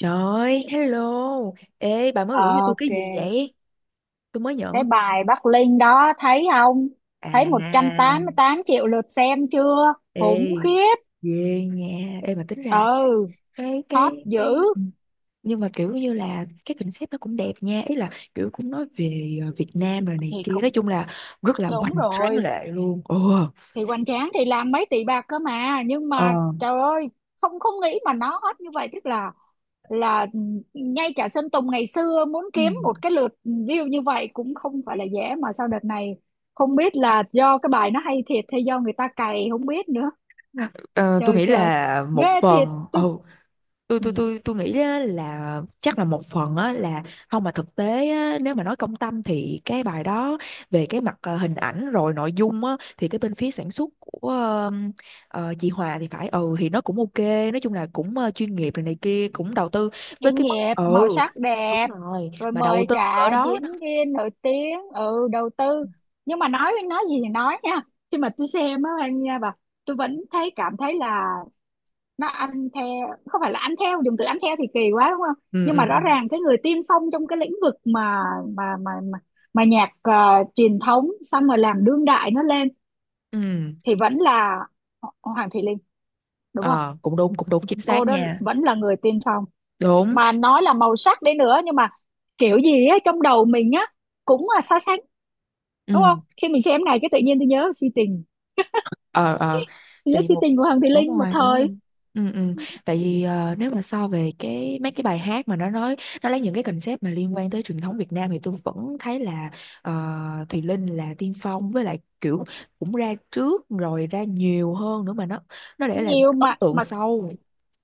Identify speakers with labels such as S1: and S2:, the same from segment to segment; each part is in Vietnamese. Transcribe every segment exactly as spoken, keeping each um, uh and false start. S1: Trời ơi, hello. Ê, bà mới
S2: Ờ,
S1: gửi cho tôi
S2: Ok,
S1: cái gì vậy? Tôi mới
S2: cái
S1: nhận.
S2: bài Bắc Linh đó thấy không? Thấy một trăm
S1: À,
S2: tám mươi tám triệu lượt xem chưa? Khủng
S1: ê,
S2: khiếp.
S1: về nha. Ê, mà tính ra là
S2: Ừ,
S1: cái,
S2: hot
S1: cái, cái...
S2: dữ.
S1: Nhưng mà kiểu như là cái concept nó cũng đẹp nha. Ý là kiểu cũng nói về ờ, Việt Nam rồi này
S2: Thì
S1: kia.
S2: cũng
S1: Nói chung là rất là
S2: đúng
S1: hoành tráng
S2: rồi.
S1: lệ luôn. Ồ,
S2: Thì Hoành Tráng thì làm mấy tỷ bạc cơ mà, nhưng mà
S1: ờ.
S2: trời ơi, không không nghĩ mà nó hot như vậy, tức là là ngay cả Sơn Tùng ngày xưa muốn
S1: Ừ.
S2: kiếm một cái lượt view như vậy cũng không phải là dễ, mà sau đợt này không biết là do cái bài nó hay thiệt hay do người ta cày, không biết nữa.
S1: Ờ, tôi
S2: Trời
S1: nghĩ
S2: trời,
S1: là một
S2: ghê thiệt.
S1: phần. Ừ,
S2: Tôi
S1: tôi
S2: Ừ.
S1: tôi tôi tôi nghĩ á, là chắc là một phần á, là không mà thực tế á, nếu mà nói công tâm thì cái bài đó về cái mặt ờ, hình ảnh rồi nội dung á, thì cái bên phía sản xuất của ờ, ờ, chị Hòa thì phải ừ thì nó cũng ok, nói chung là cũng ờ, chuyên nghiệp này này kia cũng đầu tư với
S2: Chuyên
S1: cái mức
S2: nghiệp,
S1: ừ
S2: màu sắc
S1: đúng
S2: đẹp,
S1: rồi,
S2: rồi
S1: mà đầu
S2: mời
S1: tư cỡ
S2: cả
S1: đó đó.
S2: diễn viên nổi tiếng, ừ đầu tư. Nhưng mà nói nói gì thì nói nha, khi mà tôi xem á anh nha bà, tôi vẫn thấy, cảm thấy là nó ăn theo. Không phải là ăn theo, dùng từ ăn theo thì kỳ quá, đúng không,
S1: Ừ,
S2: nhưng
S1: ừ,
S2: mà rõ
S1: ừ,
S2: ràng cái người tiên phong trong cái lĩnh vực mà mà mà mà, mà nhạc ờ, truyền thống xong rồi làm đương đại nó lên,
S1: ừ,
S2: thì vẫn là Ho- Hoàng Thùy Linh, đúng không?
S1: ờ, cũng đúng cũng đúng chính
S2: Cô
S1: xác
S2: đó
S1: nha.
S2: vẫn là người tiên phong,
S1: Đúng.
S2: mà nói là màu sắc đấy nữa, nhưng mà kiểu gì á, trong đầu mình á cũng là so sánh, đúng không?
S1: Ừ,
S2: Khi mình xem này cái tự nhiên tôi nhớ si tình
S1: ờ, ờ,
S2: tôi
S1: tại
S2: nhớ
S1: vì
S2: si
S1: một.
S2: tình của Hằng Thị
S1: Đúng
S2: Linh một
S1: rồi, đúng
S2: thời.
S1: rồi. Ừ, ừ, tại vì ờ, nếu mà so về cái mấy cái bài hát mà nó nói, nó lấy những cái concept mà liên quan tới truyền thống Việt Nam, thì tôi vẫn thấy là ờ, Thùy Linh là tiên phong, với lại kiểu cũng ra trước rồi ra nhiều hơn nữa mà nó nó để lại một
S2: Nhiều
S1: cái ấn
S2: mà
S1: tượng
S2: mà
S1: sâu.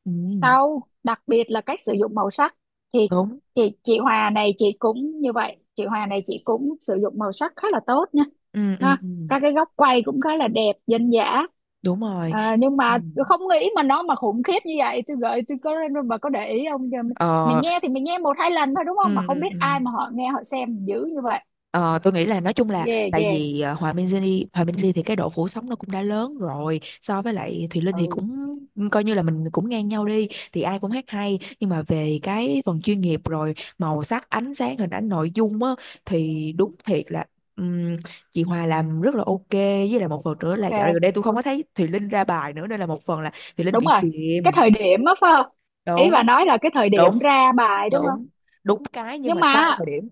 S1: Ừ,
S2: sau, đặc biệt là cách sử dụng màu sắc, thì
S1: đúng,
S2: thì chị Hòa này chị cũng như vậy, chị Hòa này chị cũng sử dụng màu sắc khá là tốt nha,
S1: ừ, ừ,
S2: ha.
S1: ừ,
S2: Các cái góc quay cũng khá là đẹp, dân dã.
S1: đúng rồi,
S2: À, nhưng
S1: ừ.
S2: mà tôi không nghĩ mà nó mà khủng khiếp như vậy. Tôi gợi tôi có, bà có để ý không? Giờ mình, mình
S1: Ờ,
S2: nghe thì mình nghe một hai lần thôi, đúng không? Mà
S1: ừ,
S2: không
S1: ừ,
S2: biết
S1: ừ.
S2: ai mà họ nghe, họ xem dữ như vậy.
S1: Ờ, tôi nghĩ là nói chung là
S2: Ghê
S1: tại
S2: ghê.
S1: vì ờ, Hòa Minzy, Di Hòa Minzy thì cái độ phủ sóng nó cũng đã lớn rồi, so với lại Thùy Linh thì
S2: Ừ,
S1: cũng coi như là mình cũng ngang nhau đi, thì ai cũng hát hay, nhưng mà về cái phần chuyên nghiệp rồi màu sắc, ánh sáng, hình ảnh, nội dung á, thì đúng thiệt là, ừm, chị Hòa làm rất là ok. Với lại một phần nữa là dạo gần
S2: ok,
S1: đây tôi không có thấy Thùy Linh ra bài nữa, nên là một phần là Thùy Linh
S2: đúng
S1: bị
S2: rồi. Cái
S1: chìm.
S2: thời điểm á, phải không? Ý bà
S1: Đúng,
S2: nói là cái thời
S1: đúng,
S2: điểm ra bài đúng không?
S1: đúng, đúng cái nhưng
S2: Nhưng
S1: mà sai
S2: mà
S1: thời điểm.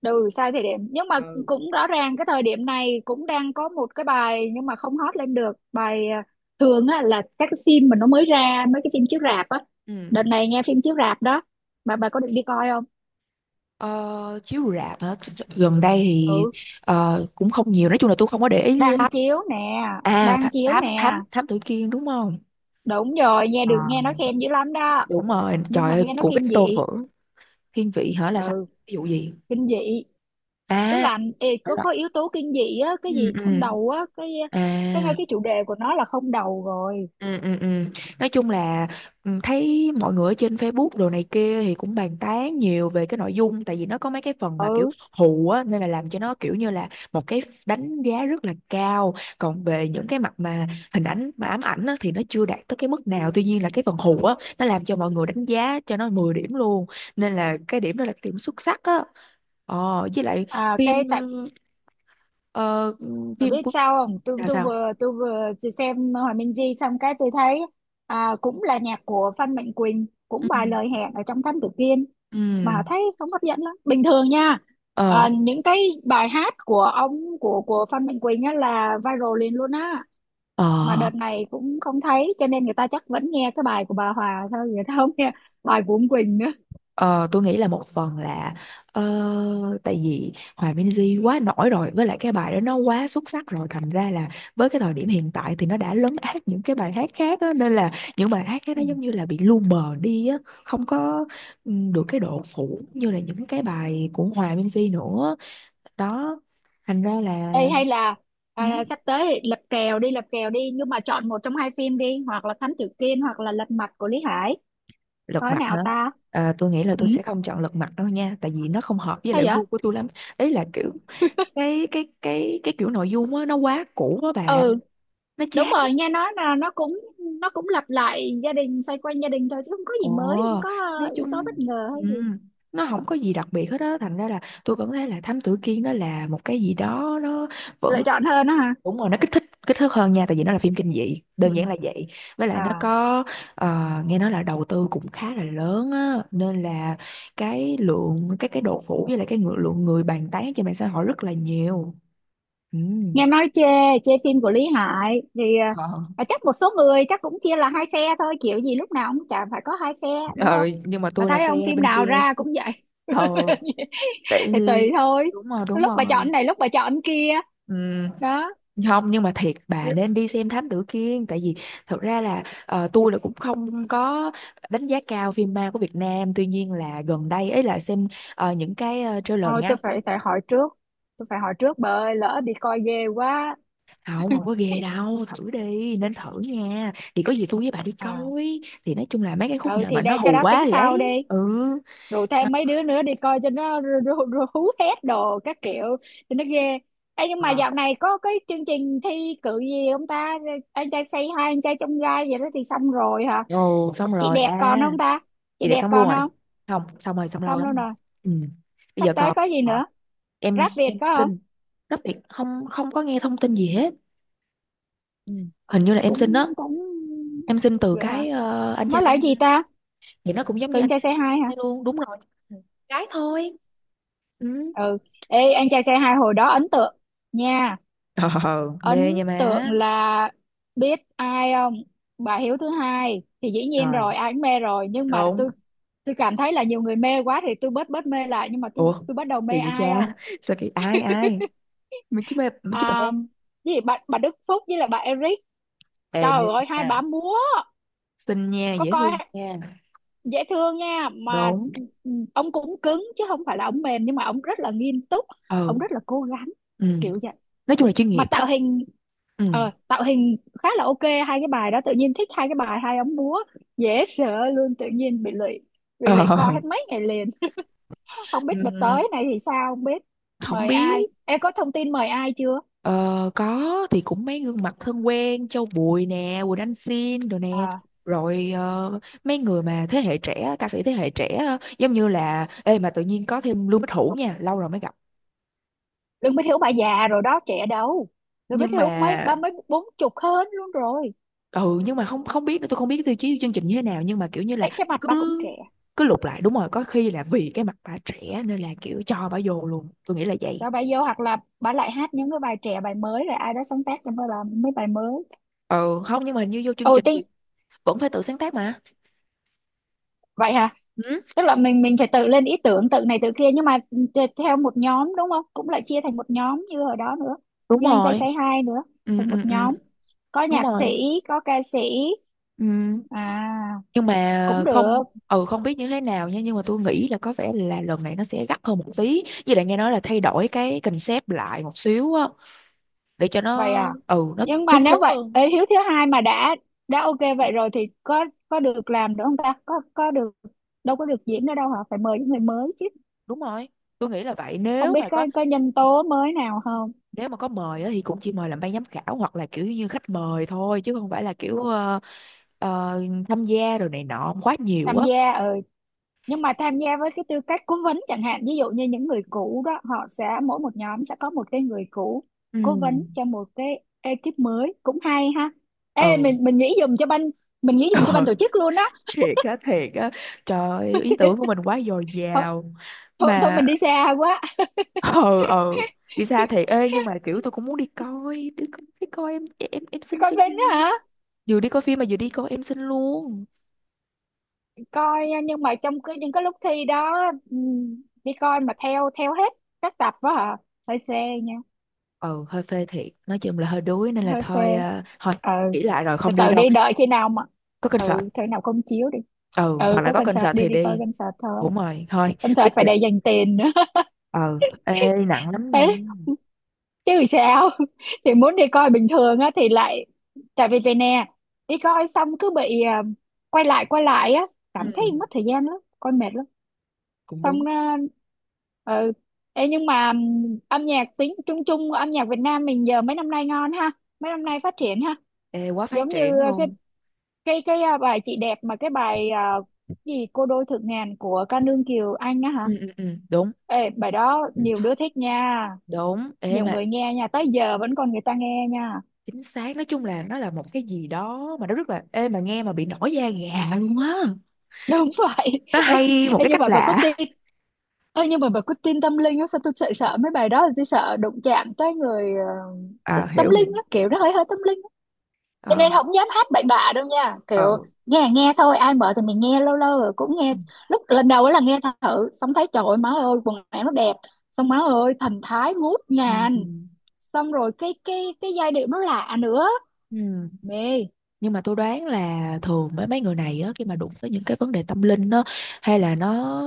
S2: Ừ, sai thời điểm. Nhưng mà
S1: Ừ.
S2: cũng rõ ràng cái thời điểm này cũng đang có một cái bài nhưng mà không hot lên được bài à, thường á, là các cái phim mà nó mới ra, mấy cái phim chiếu rạp á,
S1: Ừ.
S2: đợt này nghe phim chiếu rạp đó, bà bà có định đi coi không?
S1: Ờ, chiếu rạp hả? Ch- ch- Gần đây thì
S2: Ừ,
S1: ờ, cũng không nhiều. Nói chung là tôi không có để ý
S2: đang
S1: lắm.
S2: chiếu nè,
S1: À, Tha-
S2: đang chiếu
S1: thám
S2: nè.
S1: thám thám tử Kiên đúng không?
S2: Đúng rồi, nghe
S1: Ờ,
S2: được, nghe nó khen dữ lắm đó.
S1: đúng rồi.
S2: Nhưng
S1: Trời
S2: mà
S1: ơi,
S2: nghe nó
S1: của
S2: kinh
S1: Victor
S2: dị.
S1: Vũ. Thiên vị hả là sao?
S2: Ừ,
S1: Ví dụ gì?
S2: kinh dị, tức
S1: À,
S2: là ê,
S1: thể
S2: có
S1: loại,
S2: có yếu tố kinh dị á, cái
S1: ừ,
S2: gì không
S1: ừ.
S2: đầu á, cái cái ngay
S1: À.
S2: cái chủ đề của nó là không đầu rồi.
S1: Ừ, ừ, ừ. Nói chung là ừ, thấy mọi người ở trên Facebook đồ này kia thì cũng bàn tán nhiều về cái nội dung, tại vì nó có mấy cái phần mà kiểu
S2: Ừ.
S1: hù á, nên là làm cho nó kiểu như là một cái đánh giá rất là cao. Còn về những cái mặt mà hình ảnh mà ám ảnh á, thì nó chưa đạt tới cái mức nào, tuy nhiên là cái phần hù á nó làm cho mọi người đánh giá cho nó mười điểm luôn, nên là cái điểm đó là cái điểm xuất sắc á. Ờ, với lại
S2: à,
S1: phim,
S2: cái tại
S1: ờ,
S2: Bà
S1: phim
S2: biết
S1: của.
S2: sao không? Tôi
S1: Là
S2: tôi
S1: sao?
S2: vừa tôi vừa chỉ xem Hòa Minh Di xong cái tôi thấy à, cũng là nhạc của Phan Mạnh Quỳnh,
S1: Ừ.
S2: cũng bài lời hẹn ở trong Thám Tử Kiên,
S1: Ừ.
S2: mà thấy không hấp dẫn lắm. Bình thường nha.
S1: Ờ,
S2: À, những cái bài hát của ông của của Phan Mạnh Quỳnh á là viral liền luôn á. Mà
S1: ờ.
S2: đợt này cũng không thấy, cho nên người ta chắc vẫn nghe cái bài của bà Hòa thôi, người ta không nghe bài của ông Quỳnh nữa.
S1: Ờ, tôi nghĩ là một phần là ờ, tại vì Hòa Minzy quá nổi rồi, với lại cái bài đó nó quá xuất sắc rồi, thành ra là với cái thời điểm hiện tại thì nó đã lấn át những cái bài hát khác á, nên là những bài hát khác nó giống như là bị lu mờ đi á, không có ừ, được cái độ phủ như là những cái bài của Hòa Minzy nữa. Đó thành ra
S2: Ê,
S1: là
S2: hay là
S1: ừ.
S2: à, sắp tới thì Lật Kèo đi, Lật Kèo đi, nhưng mà chọn một trong hai phim đi, hoặc là Thám Tử Kiên, hoặc là Lật Mặt của Lý Hải,
S1: Lật
S2: coi
S1: mặt
S2: nào
S1: hả?
S2: ta.
S1: À, tôi nghĩ là
S2: Ừ,
S1: tôi sẽ không chọn lật mặt đâu nha, tại vì nó không hợp với
S2: sao
S1: lại
S2: vậy?
S1: gu của tôi lắm. Ý là kiểu cái cái cái cái kiểu nội dung á nó quá cũ á bạn,
S2: Ừ,
S1: nó
S2: đúng
S1: chát.
S2: rồi, nghe nói là nó cũng nó cũng lặp lại gia đình, xoay quanh gia đình thôi, chứ không có gì
S1: Ồ,
S2: mới, không có
S1: nói
S2: ờ, yếu tố
S1: chung
S2: bất ngờ hay gì.
S1: ừ, nó không có gì đặc biệt hết á, thành ra là tôi vẫn thấy là Thám Tử Kiên nó là một cái gì đó nó
S2: Lựa
S1: vẫn.
S2: chọn hơn đó hả?
S1: Đúng rồi, nó kích thích, kích thước hơn nha, tại vì nó là phim kinh dị,
S2: Ừ.
S1: đơn giản là vậy. Với lại nó
S2: À,
S1: có ờ, nghe nói là đầu tư cũng khá là lớn á, nên là cái lượng, cái cái độ phủ với lại cái ngự- lượng người bàn tán trên mạng xã hội rất là nhiều. Ừ.
S2: nghe nói chê, chê phim của Lý Hải thì
S1: Ờ.
S2: ờ, chắc một số người chắc cũng chia là hai phe thôi, kiểu gì lúc nào cũng chả phải có hai phe, đúng
S1: Ờ,
S2: không?
S1: nhưng mà
S2: Mà
S1: tôi là
S2: thấy không,
S1: phe
S2: phim
S1: bên
S2: nào
S1: kia.
S2: ra cũng vậy.
S1: Ờ, tại
S2: Thì tùy
S1: vì
S2: thôi,
S1: đúng rồi, đúng
S2: lúc bà
S1: rồi.
S2: chọn này, lúc bà chọn kia.
S1: Ừm,
S2: Đó.
S1: không, nhưng mà thiệt, bà
S2: R-
S1: nên đi xem Thám Tử Kiên. Tại vì thật ra là ờ, tôi là cũng không có đánh giá cao phim ma của Việt Nam, tuy nhiên là gần đây ấy là xem ờ, những cái ờ, trailer
S2: Thôi
S1: ngắn.
S2: tôi phải phải hỏi trước, tôi phải hỏi trước bà ơi, lỡ đi coi ghê quá.
S1: À, không, không có ghê đâu, thử đi, nên thử nha, thì có gì tôi với bà đi
S2: À,
S1: coi, thì nói chung là mấy cái khúc
S2: ừ
S1: nào
S2: thì
S1: mà nó
S2: đây, cái
S1: hù
S2: đó
S1: quá
S2: tính
S1: thì
S2: sau
S1: ấy,
S2: đi.
S1: ừ.
S2: Rủ
S1: Đó.
S2: thêm mấy đứa nữa đi coi cho nó ru- ru- ru- hú hét đồ các kiểu, cho nó ghê. Ê, nhưng mà
S1: Ờ.
S2: dạo này có cái chương trình thi cử gì không ta, anh trai say hi, anh trai trong gai vậy đó, thì xong rồi hả?
S1: Ồ, xong
S2: Chị
S1: rồi
S2: đẹp
S1: à.
S2: còn không ta? Chị
S1: Chị đẹp
S2: đẹp
S1: xong luôn
S2: còn
S1: rồi,
S2: không?
S1: không, xong rồi, xong lâu
S2: Xong
S1: lắm
S2: luôn
S1: rồi.
S2: rồi.
S1: Ừ. Bây
S2: Sắp
S1: giờ
S2: tới
S1: còn,
S2: có gì
S1: à,
S2: nữa? Rap
S1: em
S2: Việt
S1: em
S2: có không?
S1: xin, rất việc không, không có nghe thông tin gì hết.
S2: Ừ.
S1: Hình như là em xin
S2: cũng
S1: đó.
S2: cũng
S1: Em xin từ
S2: vậy hả?
S1: cái ờ, anh cha
S2: Nó là
S1: xe.
S2: cái gì ta?
S1: Thì nó cũng giống như
S2: Tưởng
S1: anh
S2: trai
S1: cha
S2: xe hai hả?
S1: xe luôn, đúng rồi, cái thôi. Ừ.
S2: Ừ, ê anh trai xe hai hồi đó ấn tượng nha.
S1: Ờ, mê
S2: Ấn
S1: nha má.
S2: tượng là biết ai không? Bà Hiếu thứ hai thì dĩ nhiên
S1: Rồi,
S2: rồi, ai cũng mê rồi, nhưng mà tôi
S1: đúng.
S2: tôi cảm thấy là nhiều người mê quá thì tôi bớt bớt mê lại, nhưng mà tôi
S1: Ủa
S2: tôi bắt đầu mê
S1: kỳ vậy
S2: ai
S1: cha
S2: không?
S1: sao kỳ, ai, ai, mình chứ, mê mình chứ bà mê.
S2: À, cái gì bà, bà Đức Phúc với là bà Eric,
S1: Ê,
S2: trời
S1: mê
S2: ơi hai
S1: nha,
S2: bà múa.
S1: xinh nha,
S2: Có
S1: dễ
S2: coi,
S1: thương nha.
S2: dễ thương nha mà.
S1: Đúng,
S2: Ừ, ông cũng cứng chứ không phải là ông mềm, nhưng mà ông rất là nghiêm túc,
S1: ừ,
S2: ông rất là cố gắng,
S1: ừ,
S2: kiểu vậy.
S1: nói chung là chuyên
S2: Mà
S1: nghiệp đó.
S2: tạo hình,
S1: Ừ.
S2: ờ, tạo hình khá là ok, hai cái bài đó tự nhiên thích, hai cái bài hai ông múa, dễ sợ luôn, tự nhiên bị lụy, bị
S1: Ờ,
S2: lụy coi hết mấy ngày liền. Không biết đợt
S1: ừm,
S2: tới này thì sao, không biết
S1: không
S2: mời ai.
S1: biết.
S2: Em có thông tin mời ai chưa?
S1: Ờ, có thì cũng mấy gương mặt thân quen, Châu Bùi nè, Quỳnh Anh Xin rồi nè.
S2: À,
S1: Rồi ờ, mấy người mà thế hệ trẻ, ca sĩ thế hệ trẻ, ờ, giống như là ê mà tự nhiên có thêm Lưu Bích Hữu nha, lâu rồi mới gặp.
S2: đừng biết hiểu, bà già rồi đó trẻ đâu, đừng biết
S1: Nhưng mà
S2: hiểu, mấy ba mấy bốn chục hơn luôn rồi.
S1: ừ, nhưng mà không, không biết nữa, tôi không biết tiêu chí chương trình như thế nào, nhưng mà kiểu như là
S2: cái cái mặt
S1: cứ,
S2: bà cũng trẻ.
S1: cứ lục lại. Đúng rồi, có khi là vì cái mặt bà trẻ nên là kiểu cho bà vô luôn, tôi nghĩ là vậy.
S2: Rồi bà vô, hoặc là bà lại hát những cái bài trẻ, bài mới, rồi ai đó sáng tác cho bà làm mấy bài mới.
S1: Ừ, không, nhưng mà như vô chương
S2: Ồ
S1: trình
S2: tin.
S1: thì vẫn phải tự sáng tác mà.
S2: Vậy hả?
S1: Ừ,
S2: Tức là mình mình phải tự lên ý tưởng, tự này tự kia, nhưng mà t- theo một nhóm đúng không, cũng lại chia thành một nhóm như hồi đó nữa,
S1: đúng
S2: như anh trai
S1: rồi.
S2: say hi nữa,
S1: Ừ,
S2: thành
S1: ừ,
S2: một
S1: ừ,
S2: nhóm, có
S1: đúng
S2: nhạc
S1: rồi.
S2: sĩ, có ca sĩ.
S1: Ừ.
S2: À,
S1: Nhưng mà
S2: cũng được.
S1: không, ừ, không biết như thế nào nha, nhưng mà tôi nghĩ là có vẻ là lần này nó sẽ gắt hơn một tí, với lại nghe nói là thay đổi cái concept lại một xíu á, để cho
S2: Vậy
S1: nó
S2: à?
S1: ừ nó
S2: Nhưng mà
S1: hứng thú
S2: nếu vậy
S1: hơn.
S2: ấy, Hiếu thứ hai mà đã đã ok vậy rồi thì có có được làm nữa không ta, có có được, đâu có được diễn nữa đâu hả, phải mời những người mới chứ.
S1: Đúng rồi, tôi nghĩ là vậy
S2: Không
S1: nếu
S2: biết
S1: mà có.
S2: có có nhân tố mới nào không.
S1: Nếu mà có mời á, thì cũng chỉ mời làm ban giám khảo, hoặc là kiểu như khách mời thôi, chứ không phải là kiểu ờ, ờ, tham gia rồi này nọ quá nhiều
S2: Tham
S1: á.
S2: gia, ừ, nhưng mà tham gia với cái tư cách cố vấn chẳng hạn, ví dụ như những người cũ đó họ sẽ mỗi một nhóm sẽ có một cái người cũ
S1: Ừ.
S2: cố vấn cho một cái ekip mới, cũng hay ha. Ê
S1: Ừ.
S2: mình mình nghĩ dùng cho ban, mình nghĩ dùng cho ban tổ chức luôn đó.
S1: Thiệt á, thiệt á. Trời ơi, ý tưởng của mình quá dồi
S2: Thôi,
S1: dào.
S2: thôi thôi
S1: Mà,
S2: mình đi xa quá.
S1: ờ, ờ, đi xa thiệt. Ê, nhưng mà kiểu tôi cũng muốn đi coi, đi coi, đi coi em em em
S2: Đi
S1: xin
S2: coi
S1: xin.
S2: phim đó hả?
S1: Vừa đi coi phim mà vừa đi coi em xin luôn.
S2: Coi nhưng mà trong cái những cái lúc thi đó, ừm, đi coi mà theo theo hết các tập đó hả? Hơi phê nha.
S1: Ừ, hơi phê thiệt, nói chung là hơi đuối, nên là
S2: Hơi phê.
S1: thôi, ờ, thôi
S2: Ừ,
S1: nghĩ lại rồi
S2: từ
S1: không đi
S2: từ
S1: đâu.
S2: đi, đợi khi nào mà,
S1: Có concert.
S2: ừ khi nào công chiếu đi.
S1: Ừ,
S2: Ừ,
S1: hoặc là
S2: có
S1: có
S2: concert
S1: concert
S2: đi,
S1: thì
S2: đi coi
S1: đi.
S2: concert thôi.
S1: Đúng rồi thôi,
S2: Concert
S1: quyết
S2: phải
S1: định.
S2: để dành tiền nữa.
S1: Ừ, ê nặng lắm nha.
S2: Đấy, chứ sao. Thì muốn đi coi bình thường á thì lại, tại vì vậy nè, đi coi xong cứ bị à, quay lại, quay lại á, cảm thấy mất
S1: Ừ,
S2: thời gian lắm, coi mệt lắm.
S1: cũng
S2: Xong
S1: đúng.
S2: à, ừ. Ê, nhưng mà ừm, âm nhạc tiếng chung chung, âm nhạc Việt Nam mình giờ mấy năm nay ngon ha, mấy năm nay phát triển ha.
S1: Ê, quá phát
S2: Giống như
S1: triển
S2: ờ, cái
S1: luôn.
S2: cái cái à, bài chị đẹp, mà cái bài à, gì cô đôi thượng ngàn của ca nương Kiều Anh á hả.
S1: Ừ, ừ, ừ, đúng,
S2: Ê, bài đó nhiều đứa thích nha,
S1: đúng. Ê
S2: nhiều
S1: mà
S2: người nghe nha, tới giờ vẫn còn người ta nghe nha.
S1: chính xác, nói chung là nó là một cái gì đó mà nó rất là ê mà nghe mà bị nổi da gà luôn á.
S2: Đúng vậy.
S1: Nó
S2: ê,
S1: hay một
S2: ê,
S1: cái
S2: nhưng
S1: cách
S2: mà bà có
S1: lạ.
S2: tin Ê, nhưng mà bà có tin tâm linh á, sao tôi sợ sợ mấy bài đó, tôi sợ đụng chạm tới người ờ, t-
S1: À,
S2: tâm
S1: hiểu, hiểu.
S2: linh á, kiểu nó hơi hơi tâm linh, cho
S1: Ờ.
S2: nên không dám hát bậy bạ đâu nha, kiểu
S1: Ừ.
S2: nghe nghe thôi, ai mở thì mình nghe, lâu lâu rồi cũng nghe. Lúc lần đầu ấy là nghe thử xong thấy trời ơi, má ơi quần áo nó đẹp, xong má ơi thần thái ngút
S1: Ừ. Ừ.
S2: ngàn, xong rồi cái cái cái giai điệu nó lạ nữa.
S1: Ừ. Ừ.
S2: Mê.
S1: Nhưng mà tôi đoán là thường mấy mấy người này á, khi mà đụng tới những cái vấn đề tâm linh á, hay là nó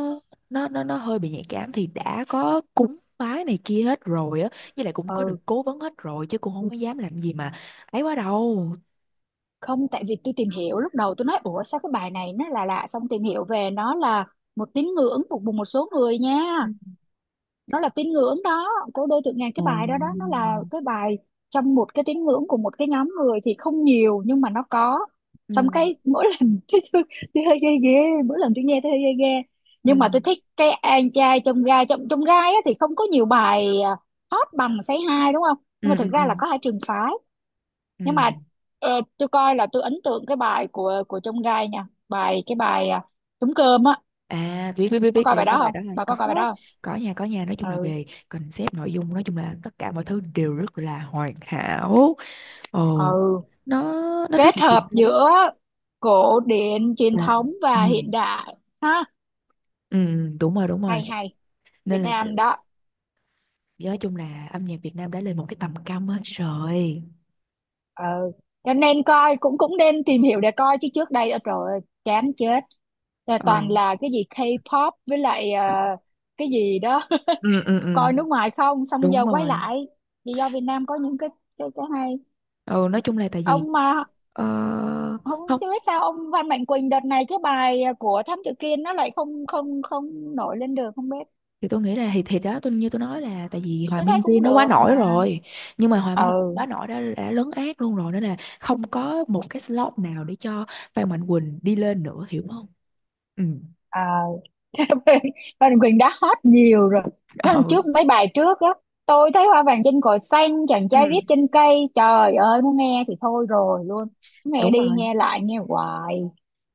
S1: nó nó nó hơi bị nhạy cảm, thì đã có cúng bái này kia hết rồi á, với lại cũng có được
S2: Ừ
S1: cố vấn hết rồi, chứ cũng không có dám làm gì mà ấy quá đâu.
S2: không, tại vì tôi tìm hiểu, lúc đầu tôi nói ủa sao cái bài này nó là lạ lạ? Xong tìm hiểu về nó là một tín ngưỡng phục vụ một số người nha,
S1: Ừ.
S2: nó là tín ngưỡng đó. Cô đơn tượng ngàn, cái
S1: Ừ.
S2: bài đó đó nó là cái bài trong một cái tín ngưỡng của một cái nhóm người thì không nhiều nhưng mà nó có.
S1: Ừ.
S2: Xong cái mỗi lần tôi, tôi, tôi hơi ghê ghê, mỗi lần tôi nghe tôi hơi ghê ghê. Nhưng
S1: Ừ.
S2: mà tôi thích cái anh trai trong gai, trong trong gai á, thì không có nhiều bài à, hot bằng Say Hi đúng không. Nhưng mà
S1: Ừ.
S2: thực ra là
S1: Ừ.
S2: có hai trường phái.
S1: Ừ.
S2: Nhưng mà ờ, tôi coi là tôi ấn tượng cái bài của của trong gai nha, bài cái bài à, trống cơm á.
S1: À, biết, biết, biết,
S2: Có
S1: biết.
S2: coi
S1: Ê,
S2: bài
S1: cái
S2: đó
S1: bài đó
S2: không,
S1: là
S2: bà có coi bài
S1: có
S2: đó không?
S1: có nhà, có nhà, nói chung là
S2: Ừ,
S1: về concept, nội dung, nói chung là tất cả mọi thứ đều rất là hoàn hảo. Ồ,
S2: ừ,
S1: nó nó rất
S2: kết
S1: là truyền
S2: hợp
S1: thống
S2: giữa cổ điển truyền
S1: và
S2: thống
S1: ừ.
S2: và hiện đại. Ha,
S1: Ừ, đúng rồi, đúng rồi,
S2: hay hay. Việt
S1: nên là
S2: Nam
S1: kiểu
S2: đó.
S1: nói chung là âm nhạc Việt Nam đã lên một cái tầm cao mới rồi.
S2: Ừ. Cho nên coi cũng cũng nên tìm hiểu để coi chứ trước đây rồi chán chết. Là toàn
S1: Ừ.
S2: là cái gì K-pop với lại ờ, cái gì đó.
S1: Ừ, ừ,
S2: Coi
S1: ừ.
S2: nước ngoài không, xong
S1: Đúng
S2: giờ quay
S1: rồi,
S2: lại vì do Việt Nam có những cái, cái, cái hay.
S1: ừ, nói chung là tại vì
S2: Ông mà
S1: ờ,
S2: không,
S1: không,
S2: chứ biết sao ông Phan Mạnh Quỳnh đợt này cái bài của Thám Tử Kiên nó lại không không không nổi lên được, không biết.
S1: thì tôi nghĩ là thì thì đó, tôi như tôi nói, là tại vì Hòa
S2: Tôi thấy
S1: Minzy
S2: cũng
S1: nó quá
S2: được
S1: nổi
S2: mà.
S1: rồi, nhưng mà Hòa Minzy
S2: Ừ,
S1: quá nổi đã đã lấn át luôn rồi, nên là không có một cái slot nào để cho Phan Mạnh Quỳnh đi lên nữa, hiểu không. Ừ.
S2: à, Phan Đình Quyền đã hot nhiều rồi, nó lần
S1: Ờ.
S2: trước mấy bài trước á, tôi thấy hoa vàng trên cỏ xanh, chàng trai viết
S1: Ừ.
S2: trên cây, trời ơi muốn nghe thì thôi rồi luôn, nghe
S1: Đúng
S2: đi
S1: rồi,
S2: nghe lại nghe hoài.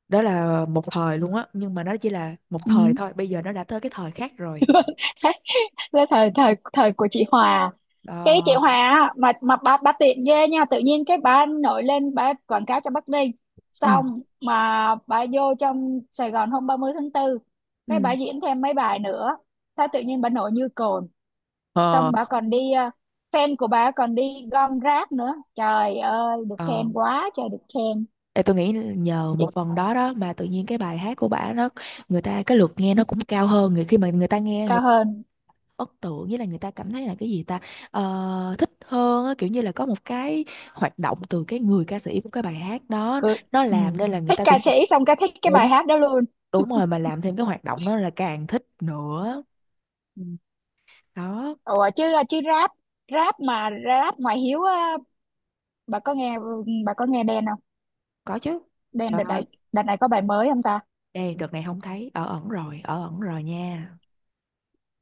S1: đó là một thời luôn á, nhưng mà nó chỉ là một thời
S2: Ừ.
S1: thôi, bây giờ nó đã tới cái thời khác rồi.
S2: Thế thời thời thời của chị Hòa, cái chị Hòa
S1: Ờ,
S2: á, mà mà bà bà tiện ghê nha, tự nhiên cái bà nổi lên bà quảng cáo cho Bắc Ninh,
S1: ừ,
S2: xong mà bà vô trong Sài Gòn hôm ba mươi tháng tư,
S1: ừ,
S2: cái bà diễn thêm mấy bài nữa, sao tự nhiên bà nổi như cồn.
S1: ờ,
S2: Xong bà còn đi ờ, fan của bà còn đi gom rác nữa, trời ơi được
S1: ờ.
S2: khen quá trời được khen.
S1: Ê, tôi nghĩ nhờ
S2: Chị-
S1: một phần đó đó mà tự nhiên cái bài hát của bả nó, người ta cái lượt nghe nó cũng cao hơn, người khi mà người ta nghe, người
S2: cao hơn,
S1: ấn tượng nghĩa là người ta cảm thấy là cái gì ta. Ờ, thích hơn á, kiểu như là có một cái hoạt động từ cái người ca sĩ của cái bài hát đó,
S2: cười.
S1: nó
S2: Ừ.
S1: làm nên là người
S2: Thích
S1: ta
S2: ca
S1: cũng
S2: sĩ xong cái thích cái
S1: đúng.
S2: bài hát đó luôn.
S1: Đúng rồi, mà làm thêm cái hoạt động đó là càng thích nữa.
S2: Ừ.
S1: Đó.
S2: Ủa chứ ờ, chứ rap, rap mà rap ngoại hiếu á, bà có nghe, ừ, bà có nghe Đen không?
S1: Có chứ.
S2: Đen
S1: Trời
S2: đợt
S1: ơi,
S2: này, đợt này có bài mới không ta?
S1: đây đợt này không thấy, ở ẩn rồi, ở ẩn rồi nha.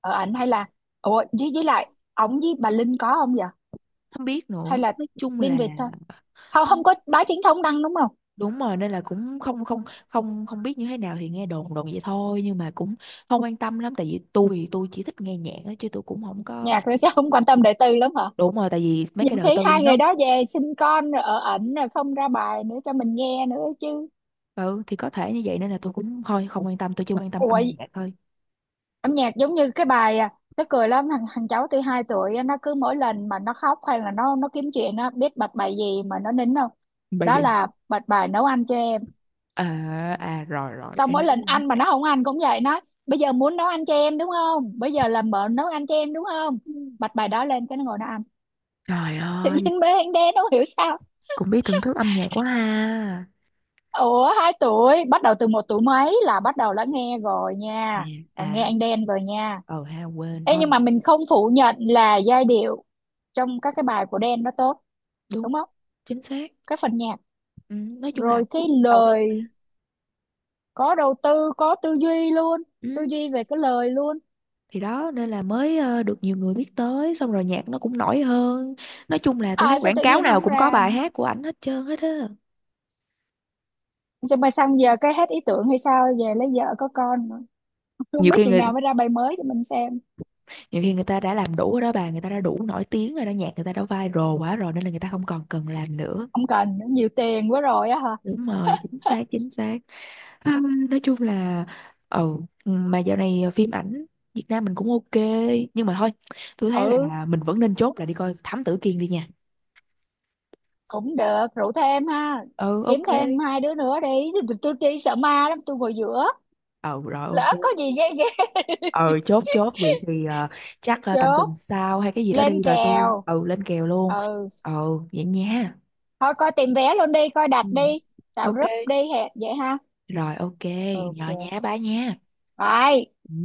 S2: Ở ảnh hay là, ủa với với lại ổng với bà Linh có không vậy?
S1: Không biết
S2: Hay
S1: nữa,
S2: là
S1: nói chung
S2: Đinh
S1: là
S2: Việt thôi, không không
S1: không,
S2: có báo chính thống đăng đúng không?
S1: đúng rồi, nên là cũng không không không không biết như thế nào, thì nghe đồn, đồn vậy thôi, nhưng mà cũng không quan tâm lắm, tại vì tôi tôi chỉ thích nghe nhạc đó, chứ tôi cũng không có.
S2: Nhạc nữa chắc không quan tâm đời tư lắm hả?
S1: Đúng rồi, tại vì mấy cái
S2: Nhiều
S1: đời
S2: khi
S1: tư
S2: hai người
S1: nó
S2: đó về sinh con rồi ở ẩn rồi không ra bài nữa cho mình nghe nữa chứ.
S1: ừ, thì có thể như vậy, nên là tôi cũng thôi không quan tâm, tôi chỉ quan tâm
S2: Ủa,
S1: âm nhạc thôi.
S2: âm nhạc giống như cái bài à, nó cười lắm, thằng thằng cháu tôi hai tuổi á, nó cứ mỗi lần mà nó khóc hay là nó nó kiếm chuyện, nó biết bật bài gì mà nó nín không?
S1: Bài
S2: Đó
S1: gì?
S2: là bật bài nấu ăn cho em.
S1: À, à, rồi, rồi.
S2: Xong
S1: Ê,
S2: mỗi lần ăn mà nó không ăn cũng vậy, nói bây giờ muốn nấu ăn cho em đúng không, bây giờ làm mợ nấu ăn cho em đúng không, bật bài đó lên cái nó ngồi nó ăn.
S1: trời
S2: Tự
S1: ơi,
S2: nhiên bé anh đen, nó không hiểu sao.
S1: cũng biết thưởng thức âm nhạc quá ha.
S2: Ủa hai tuổi, bắt đầu từ một tuổi mấy là bắt đầu đã nghe rồi
S1: Ừ.
S2: nha, là nghe
S1: À,
S2: anh Đen rồi nha.
S1: ờ ha, quên
S2: Ê
S1: thôi.
S2: nhưng mà mình không phủ nhận là giai điệu trong các cái bài của Đen nó tốt,
S1: Đúng,
S2: đúng không?
S1: chính xác.
S2: Cái phần nhạc,
S1: Ừ, nói chung là
S2: rồi cái
S1: cũng đầu tư.
S2: lời, có đầu tư có tư duy luôn,
S1: Ừ.
S2: tư duy về cái lời luôn.
S1: Thì đó, nên là mới ờ, được nhiều người biết tới, xong rồi nhạc nó cũng nổi hơn. Nói chung là tôi thấy
S2: À sao
S1: quảng
S2: tự
S1: cáo
S2: nhiên
S1: nào
S2: không
S1: cũng có
S2: ra
S1: bài
S2: nữa?
S1: hát của ảnh hết trơn hết á.
S2: Sao mà sang giờ cái hết ý tưởng hay sao, về lấy vợ có con nữa. Không
S1: nhiều
S2: biết
S1: khi
S2: chừng
S1: người
S2: nào mới ra bài mới cho mình xem.
S1: Nhiều khi người ta đã làm đủ rồi đó bà, người ta đã đủ nổi tiếng rồi đó, nhạc người ta đã viral quá rồi, nên là người ta không còn cần làm nữa.
S2: Không cần nhiều tiền quá rồi á hả?
S1: Đúng rồi, chính xác, chính xác. À, nói chung là, ờ, ừ, mà dạo này phim ảnh Việt Nam mình cũng ok, nhưng mà thôi, tôi thấy
S2: Ừ,
S1: là mình vẫn nên chốt là đi coi Thám Tử Kiên đi nha.
S2: cũng được, rủ thêm ha,
S1: Ừ,
S2: kiếm
S1: ok.
S2: thêm hai đứa nữa đi. tôi, tôi, tôi đi sợ ma lắm, tôi ngồi giữa
S1: Ừ, rồi ok.
S2: lỡ có gì ghê ghê.
S1: Ừ, chốt, chốt vậy thì, ờ, chắc, ờ, tầm tuần
S2: Chốt,
S1: sau hay cái gì đó
S2: lên
S1: đi, rồi tôi
S2: kèo.
S1: ừ lên kèo luôn.
S2: Ừ,
S1: Ừ, vậy nha.
S2: thôi coi tìm vé luôn đi, coi đặt
S1: Ừ,
S2: đi, tạo
S1: ok,
S2: group đi hè- vậy ha.
S1: rồi ok. Rồi
S2: Ok
S1: nhé, bye nha.
S2: rồi.
S1: Ừ.